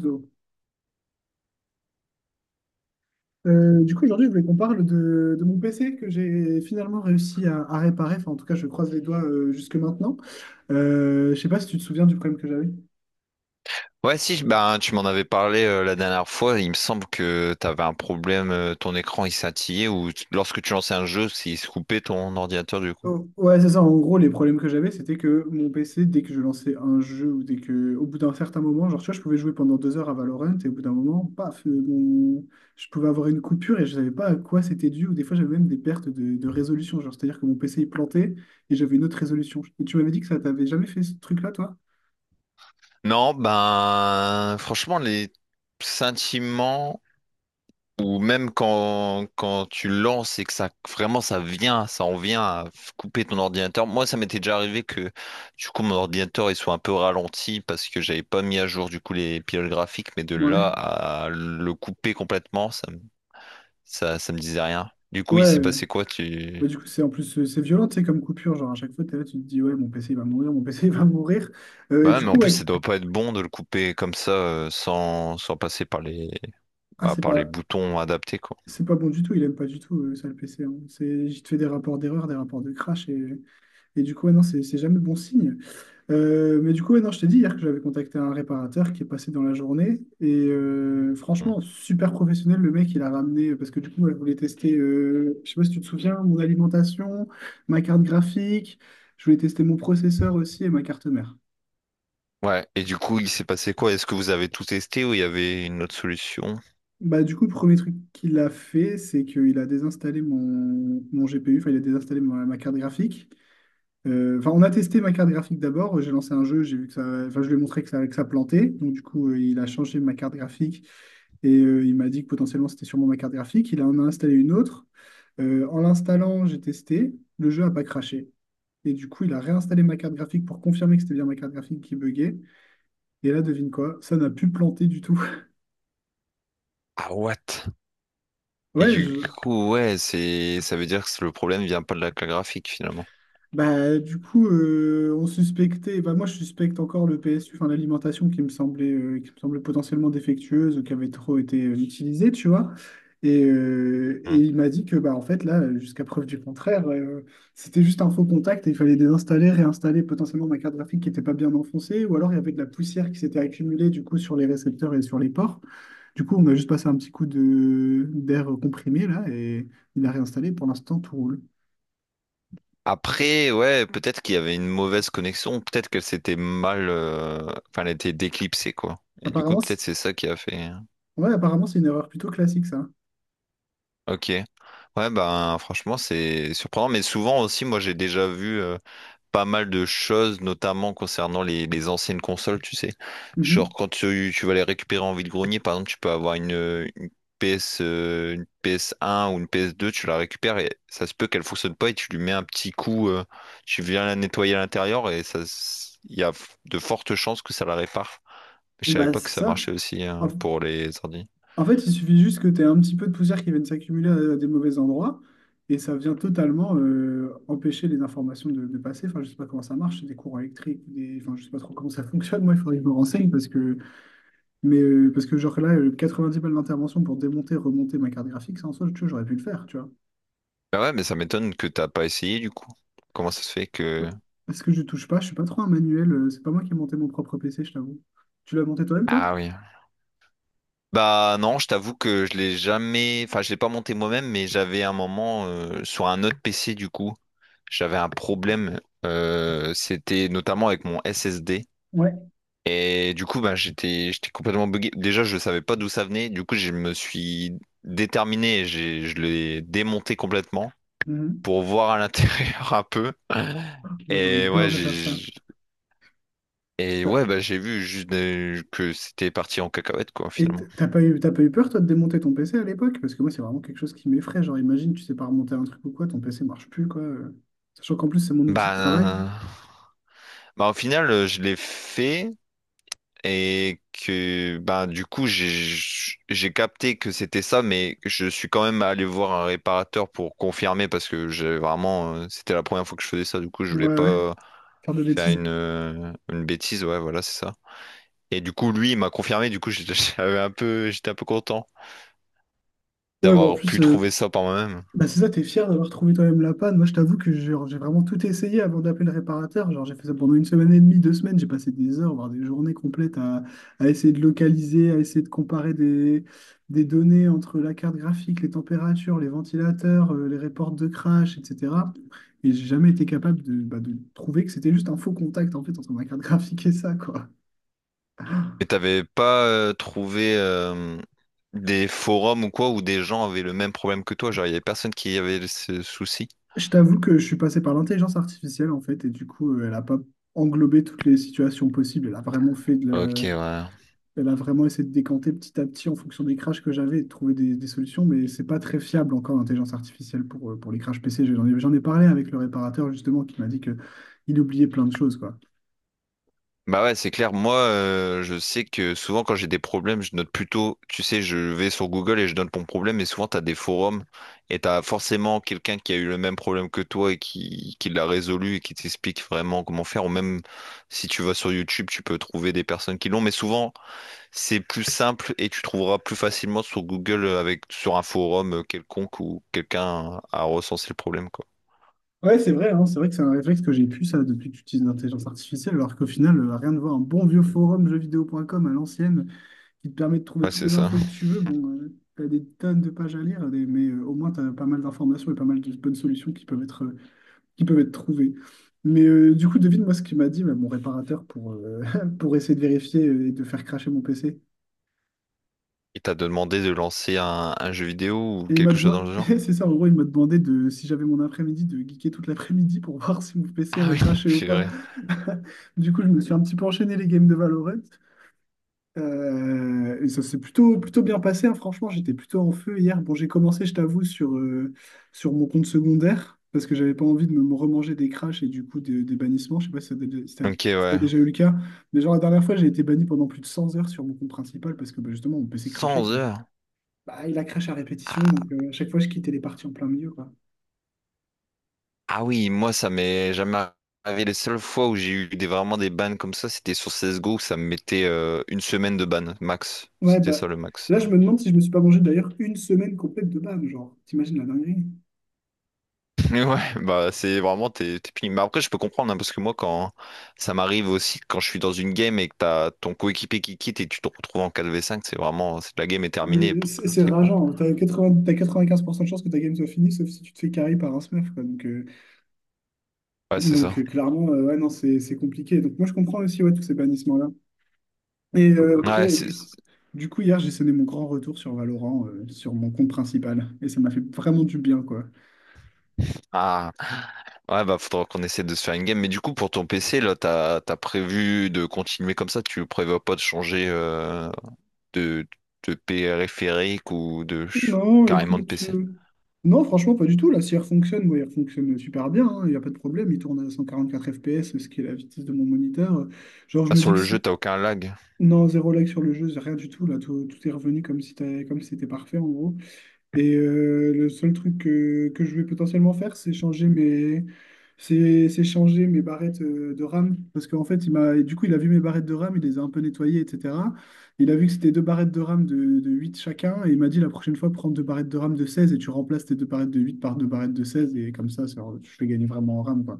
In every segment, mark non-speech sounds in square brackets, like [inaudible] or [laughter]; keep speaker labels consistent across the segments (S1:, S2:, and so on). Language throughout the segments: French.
S1: Go. Du coup, aujourd'hui, je voulais qu'on parle de mon PC que j'ai finalement réussi à réparer. Enfin, en tout cas, je croise les doigts jusque maintenant. Je sais pas si tu te souviens du problème que j'avais.
S2: Ouais, si, ben, tu m'en avais parlé la dernière fois. Il me semble que tu avais un problème, ton écran il scintillait ou lorsque tu lançais un jeu, il se coupait ton ordinateur du coup.
S1: Oh, ouais, c'est ça. En gros, les problèmes que j'avais, c'était que mon PC, dès que je lançais un jeu ou dès que, au bout d'un certain moment, genre, tu vois, je pouvais jouer pendant 2 heures à Valorant et au bout d'un moment, paf, je pouvais avoir une coupure et je savais pas à quoi c'était dû. Ou des fois, j'avais même des pertes de résolution. Genre, c'est-à-dire que mon PC, il plantait et j'avais une autre résolution. Et tu m'avais dit que ça t'avait jamais fait ce truc-là, toi?
S2: Non, ben, franchement, les sentiments ou même quand tu lances et que ça vraiment ça vient, ça en vient à couper ton ordinateur. Moi, ça m'était déjà arrivé que du coup mon ordinateur il soit un peu ralenti parce que j'avais pas mis à jour du coup les pilotes graphiques, mais de là
S1: Ouais.
S2: à le couper complètement, Ça me disait rien. Du coup, il s'est
S1: Ouais,
S2: passé quoi,
S1: bah,
S2: tu...
S1: du coup, c'est en plus, c'est violent, tu sais, comme coupure. Genre, à chaque fois, t'es là, tu te dis, ouais, mon PC, il va mourir, mon PC, il va mourir. Et
S2: Bah,
S1: du
S2: ouais, mais en
S1: coup,
S2: plus,
S1: ouais,
S2: ça doit pas être bon de le couper comme ça, sans passer par les,
S1: ah,
S2: bah,
S1: c'est
S2: par les
S1: pas,
S2: boutons adaptés, quoi.
S1: c'est pas bon du tout, il aime pas du tout, ça, le PC, hein. C'est, il te fait des rapports d'erreur, des rapports de crash, et du coup, ouais, non, c'est jamais bon signe. Mais du coup, ouais, non, je t'ai dit hier que j'avais contacté un réparateur qui est passé dans la journée. Et
S2: Mm.
S1: franchement, super professionnel, le mec, il a ramené, parce que du coup, elle voulait tester, je sais pas si tu te souviens, mon alimentation, ma carte graphique, je voulais tester mon processeur aussi et ma carte mère.
S2: Ouais, et du coup, il s'est passé quoi? Est-ce que vous avez tout testé ou il y avait une autre solution?
S1: Bah, du coup, le premier truc qu'il a fait, c'est qu'il a désinstallé mon GPU, enfin, il a désinstallé ma carte graphique. Enfin, on a testé ma carte graphique d'abord. J'ai lancé un jeu, j'ai vu que ça, enfin, je lui ai montré que ça plantait. Donc, du coup, il a changé ma carte graphique et il m'a dit que potentiellement c'était sûrement ma carte graphique. Il en a installé une autre. En l'installant, j'ai testé. Le jeu n'a pas craché. Et du coup, il a réinstallé ma carte graphique pour confirmer que c'était bien ma carte graphique qui buguait. Et là, devine quoi? Ça n'a plus planté du tout. [laughs]
S2: Ah, what? Et
S1: Ouais,
S2: du
S1: je-
S2: coup, ouais, ça veut dire que le problème vient pas de la carte graphique, finalement.
S1: Bah, du coup, on suspectait, bah, moi je suspecte encore le PSU, enfin l'alimentation qui me semblait, qui me semble potentiellement défectueuse, ou qui avait trop été utilisée, tu vois. Et
S2: Mm.
S1: il m'a dit que, bah, en fait, là, jusqu'à preuve du contraire, c'était juste un faux contact et il fallait désinstaller, réinstaller potentiellement ma carte graphique qui n'était pas bien enfoncée, ou alors il y avait de la poussière qui s'était accumulée du coup sur les récepteurs et sur les ports. Du coup, on a juste passé un petit coup de d'air comprimé là et il a réinstallé. Pour l'instant, tout roule.
S2: Après, ouais, peut-être qu'il y avait une mauvaise connexion, peut-être qu'elle s'était mal, enfin, elle était déclipsée, quoi. Et du coup,
S1: Apparemment,
S2: peut-être c'est ça qui a fait.
S1: Ouais, apparemment, c'est une erreur plutôt classique, ça.
S2: Ok. Ouais, ben franchement, c'est surprenant, mais souvent aussi, moi j'ai déjà vu pas mal de choses, notamment concernant les anciennes consoles, tu sais. Genre
S1: Mhm.
S2: quand tu vas les récupérer en vide-grenier, par exemple, tu peux avoir une PS, une PS1 ou une PS2, tu la récupères et ça se peut qu'elle fonctionne pas et tu lui mets un petit coup, tu viens la nettoyer à l'intérieur et ça, il y a de fortes chances que ça la répare. Je savais
S1: Bah,
S2: pas que
S1: c'est
S2: ça
S1: ça.
S2: marchait aussi
S1: En,
S2: hein, pour les ordi.
S1: en fait, il suffit juste que tu aies un petit peu de poussière qui vienne s'accumuler à des mauvais endroits et ça vient totalement empêcher les informations de passer. Enfin, je sais pas comment ça marche, c'est des courants électriques. Enfin, je sais pas trop comment ça [laughs] fonctionne. Moi, il faudrait que je me renseigne parce que genre là, 90 balles d'intervention pour démonter, remonter ma carte graphique, ça en soi, tu vois, j'aurais pu le faire, tu vois.
S2: Bah ouais, mais ça m'étonne que t'as pas essayé du coup. Comment ça se fait
S1: Ouais.
S2: que...
S1: Parce que je touche pas, je suis pas trop un manuel, c'est pas moi qui ai monté mon propre PC, je t'avoue. Tu l'as monté toi-même, toi?
S2: Ah oui. Bah non, je t'avoue que je l'ai jamais... Enfin, je l'ai pas monté moi-même, mais j'avais un moment sur un autre PC du coup. J'avais un problème. C'était notamment avec mon SSD.
S1: Ouais.
S2: Et du coup, bah, j'étais complètement buggé. Déjà, je savais pas d'où ça venait. Du coup, je me suis déterminé et je l'ai démonté complètement, pour voir à l'intérieur [laughs] un peu.
S1: Moi, j'aurais eu
S2: Et
S1: peur
S2: ouais,
S1: de faire ça. T'as-
S2: bah j'ai vu juste que c'était parti en cacahuète, quoi,
S1: Et t-
S2: finalement.
S1: t'as pas eu, t'as pas eu peur, toi, de démonter ton PC à l'époque? Parce que moi, c'est vraiment quelque chose qui m'effraie. Genre, imagine, tu sais pas remonter un truc ou quoi, ton PC marche plus, quoi. Sachant qu'en plus, c'est mon outil de travail.
S2: Bah, bah au final je l'ai fait et que bah du coup j'ai capté que c'était ça, mais je suis quand même allé voir un réparateur pour confirmer parce que j'ai vraiment c'était la première fois que je faisais ça, du coup je
S1: Ouais,
S2: voulais
S1: ouais,
S2: pas
S1: faire de
S2: faire
S1: bêtises.
S2: une bêtise, ouais, voilà, c'est ça. Et du coup, lui il m'a confirmé, du coup j'étais [laughs] j'étais un peu content,
S1: Ouais, bah en
S2: d'avoir
S1: plus,
S2: pu
S1: euh,
S2: trouver ça par moi-même.
S1: Bah c'est ça, t'es fier d'avoir trouvé toi-même la panne. Moi, je t'avoue que genre, j'ai vraiment tout essayé avant d'appeler le réparateur. Genre, j'ai fait ça pendant une semaine et demie, 2 semaines. J'ai passé des heures, voire des journées complètes à essayer de localiser, à essayer de comparer des données entre la carte graphique, les températures, les ventilateurs, les reports de crash, etc. Et j'ai jamais été capable de, bah, de trouver que c'était juste un faux contact en fait entre ma carte graphique et ça, quoi.
S2: Et t'avais pas trouvé des forums ou quoi où des gens avaient le même problème que toi, genre il y avait personne qui avait ce souci.
S1: Je t'avoue que je suis passé par l'intelligence artificielle en fait, et du coup, elle n'a pas englobé toutes les situations possibles. Elle a vraiment fait de
S2: Ok,
S1: la-
S2: ouais.
S1: Elle a vraiment essayé de décanter petit à petit en fonction des crashs que j'avais et de trouver des solutions, mais c'est pas très fiable encore l'intelligence artificielle pour les crashs PC. J'en ai parlé avec le réparateur justement qui m'a dit que il oubliait plein de choses, quoi.
S2: Bah ouais, c'est clair. Moi, je sais que souvent quand j'ai des problèmes, je note plutôt, tu sais, je vais sur Google et je note mon problème, et souvent t'as des forums et t'as forcément quelqu'un qui a eu le même problème que toi et qui l'a résolu et qui t'explique vraiment comment faire. Ou même si tu vas sur YouTube, tu peux trouver des personnes qui l'ont, mais souvent c'est plus simple et tu trouveras plus facilement sur Google avec sur un forum quelconque où quelqu'un a recensé le problème, quoi.
S1: Ouais, c'est vrai, hein, c'est vrai que c'est un réflexe que j'ai pu ça depuis que j'utilise l'intelligence artificielle, alors qu'au final, rien de voir un bon vieux forum jeuxvideo.com à l'ancienne qui te permet de trouver
S2: Ouais,
S1: toutes
S2: c'est
S1: les
S2: ça.
S1: infos que
S2: [laughs]
S1: tu veux. Bon, tu as des tonnes de pages à lire, mais au moins tu as pas mal d'informations et pas mal de bonnes solutions qui peuvent être trouvés. Mais du coup, devine-moi ce qu'il m'a dit, mais mon réparateur, [laughs] pour essayer de vérifier et de faire cracher mon PC.
S2: Il t'a demandé de lancer un jeu vidéo ou
S1: Et il m'a
S2: quelque chose
S1: demandé,
S2: dans le
S1: [laughs]
S2: genre?
S1: c'est ça, en gros, il m'a demandé de, si j'avais mon après-midi, de geeker toute l'après-midi pour [laughs] voir si mon PC
S2: Ah oui, [laughs]
S1: recrachait ou
S2: c'est
S1: pas.
S2: vrai.
S1: [laughs] Du coup, je me suis un petit peu enchaîné les games de Valorant. Et ça s'est plutôt, plutôt bien passé, hein. Franchement, j'étais plutôt en feu hier. Bon, j'ai commencé, je t'avoue, sur mon compte secondaire parce que j'avais pas envie de me remanger des crashs et du coup des bannissements. Je sais pas si t'as dé- si t'as-
S2: Ok,
S1: si t'as
S2: ouais.
S1: déjà eu le cas, mais genre la dernière fois, j'ai été banni pendant plus de 100 heures sur mon compte principal parce que bah, justement, mon PC
S2: Cent
S1: crashait, quoi.
S2: heures.
S1: Bah, il a crash à répétition, donc
S2: Ah,
S1: à chaque fois, je quittais les parties en plein milieu, quoi.
S2: ah oui, moi, ça m'est jamais arrivé. Les seules fois où j'ai eu vraiment des bans comme ça, c'était sur CSGO où ça me mettait une semaine de ban, max.
S1: Ouais,
S2: C'était
S1: bah
S2: ça le max.
S1: là, je me demande si je me suis pas mangé d'ailleurs une semaine complète de ban, genre, t'imagines la dinguerie?
S2: Mais ouais, bah c'est vraiment tes feelings. Mais après, je peux comprendre, hein, parce que moi, quand ça m'arrive aussi, quand je suis dans une game et que t'as ton coéquipier qui quitte et tu te retrouves en 4v5, la game est
S1: Ah,
S2: terminée
S1: mais c'est
S2: pratiquement.
S1: rageant. T'as 80, t'as 95% de chances que ta game soit finie, sauf si tu te fais carry par un smurf, quoi. Donc, euh,
S2: Ouais, c'est
S1: donc
S2: ça.
S1: euh, clairement, ouais, non, c'est compliqué. Donc, moi, je comprends aussi ouais, tous ces bannissements-là.
S2: Ouais,
S1: Purée, et
S2: c'est.
S1: du coup, hier, j'ai sonné mon grand retour sur Valorant, sur mon compte principal. Et ça m'a fait vraiment du bien, quoi.
S2: Ah. Ouais, bah faudra qu'on essaie de se faire une game. Mais du coup, pour ton PC, là, t'as prévu de continuer comme ça? Tu prévois pas de changer de, de périphérique ou de
S1: Non,
S2: carrément de
S1: écoute.
S2: PC?
S1: euh, Non, franchement, pas du tout. La CR fonctionne, moi, elle fonctionne super bien, hein. Il n'y a pas de problème. Il tourne à 144 FPS, ce qui est la vitesse de mon moniteur. Genre, je
S2: Ah,
S1: me
S2: sur
S1: dis que
S2: le jeu,
S1: si.
S2: t'as aucun lag?
S1: Non, zéro like sur le jeu, rien du tout. Là, tout est revenu comme si c'était parfait, en gros. Le seul truc que je vais potentiellement faire, c'est changer mes barrettes de RAM. Parce qu'en fait, il m'a, du coup, il a vu mes barrettes de RAM, il les a un peu nettoyées, etc. Il a vu que c'était deux barrettes de RAM de 8 chacun. Et il m'a dit la prochaine fois, prends deux barrettes de RAM de 16 et tu remplaces tes deux barrettes de 8 par deux barrettes de seize. Et comme ça, je fais gagner vraiment en RAM, quoi.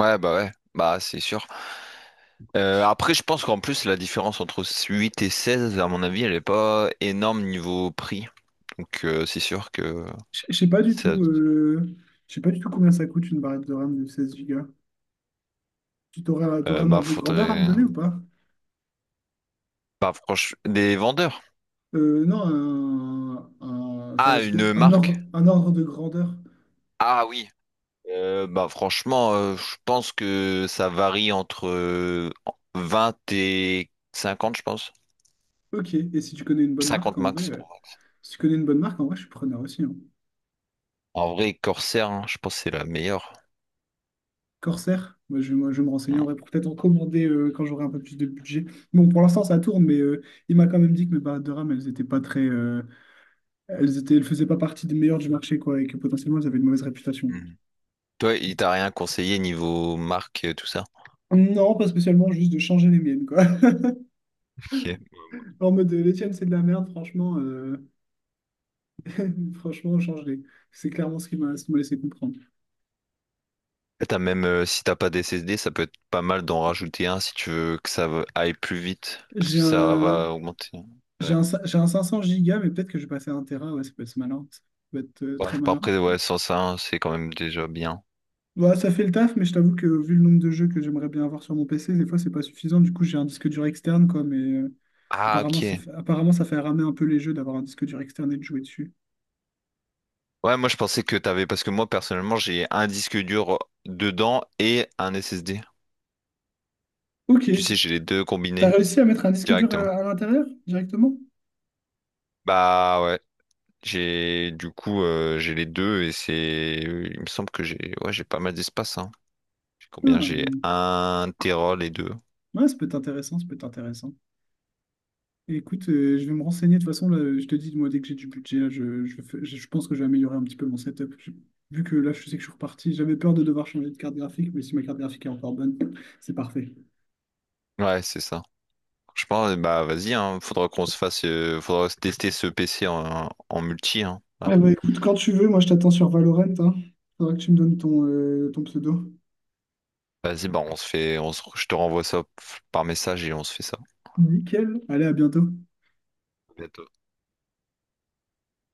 S2: Ouais, bah c'est sûr. Après, je pense qu'en plus, la différence entre 8 et 16, à mon avis, elle est pas énorme niveau prix. Donc, c'est sûr que
S1: Je sais pas du
S2: ça,
S1: tout. Je sais pas du tout combien ça coûte une barrette de RAM de 16 Go. Tu t'auras un
S2: bah,
S1: ordre de grandeur à me
S2: faudrait,
S1: donner ou pas?
S2: bah, franchement, des vendeurs.
S1: Non, enfin,
S2: Ah, une
S1: un
S2: marque.
S1: ordre, un ordre de grandeur.
S2: Ah oui. Bah, franchement, je pense que ça varie entre 20 et 50, je pense.
S1: Ok, et si tu connais une bonne marque,
S2: 50
S1: en vrai,
S2: max.
S1: si tu connais une bonne marque, en vrai, je suis preneur aussi, hein.
S2: En vrai, Corsair, hein, je pense que c'est la meilleure.
S1: Corsair, moi, je vais me renseigner en
S2: Mm.
S1: vrai pour peut-être en commander quand j'aurai un peu plus de budget. Bon, pour l'instant, ça tourne, mais il m'a quand même dit que mes barrettes de RAM, elles étaient pas très, elles faisaient pas partie des meilleures du marché, quoi, et que potentiellement, elles avaient une mauvaise réputation.
S2: Mm. Toi, il t'a rien conseillé niveau marque, tout ça?
S1: Non, pas spécialement, juste de changer les miennes, quoi. [laughs]
S2: Ok.
S1: En mode, les tiennes, c'est de la merde, franchement. Franchement, changer. C'est clairement ce qui m'a laissé comprendre.
S2: Et t'as même, si t'as pas des SSD, ça peut être pas mal d'en rajouter un si tu veux que ça aille plus vite, parce
S1: J'ai
S2: que ça va
S1: un,
S2: augmenter.
S1: j'ai
S2: Ouais.
S1: un, cin- j'ai un 500 gigas, mais peut-être que je vais passer à 1 Tera. Ouais, ça peut être malin. Ça peut être
S2: Ouais.
S1: très
S2: Bah,
S1: malin.
S2: après, ouais, sans ça, hein, c'est quand même déjà bien.
S1: Ouais, ça fait le taf, mais je t'avoue que vu le nombre de jeux que j'aimerais bien avoir sur mon PC, des fois, c'est pas suffisant. Du coup, j'ai un disque dur externe, quoi. Mais euh,
S2: Ah,
S1: apparemment,
S2: ok.
S1: ça fait ramer un peu les jeux d'avoir un disque dur externe et de jouer dessus.
S2: Ouais, moi je pensais que t'avais, parce que moi personnellement, j'ai un disque dur dedans et un SSD.
S1: Ok.
S2: Tu sais, j'ai les deux
S1: T'as
S2: combinés
S1: réussi à mettre un disque dur à,
S2: directement.
S1: à l'intérieur directement?
S2: Bah ouais, j'ai les deux et il me semble que j'ai, ouais, j'ai pas mal d'espace, hein. J'ai combien?
S1: Ah,
S2: J'ai un téra les deux.
S1: ouais, ça peut être intéressant. Ça peut être intéressant. Écoute, je vais me renseigner. De toute façon, là, je te dis, moi, dès que j'ai du budget, là, je pense que je vais améliorer un petit peu mon setup. Vu que là, je sais que je suis reparti, j'avais peur de devoir changer de carte graphique, mais si ma carte graphique est encore bonne, c'est parfait.
S2: Ouais, c'est ça. Je pense, bah vas-y, hein, faudra qu'on se fasse, faudra se tester ce PC en multi, hein. Voilà.
S1: Ah bah écoute, quand tu veux, moi je t'attends sur Valorant, hein. Faudra que tu me donnes ton pseudo.
S2: Vas-y, bah on se fait, je te renvoie ça par message et on se fait ça.
S1: Nickel. Allez, à bientôt.
S2: À bientôt.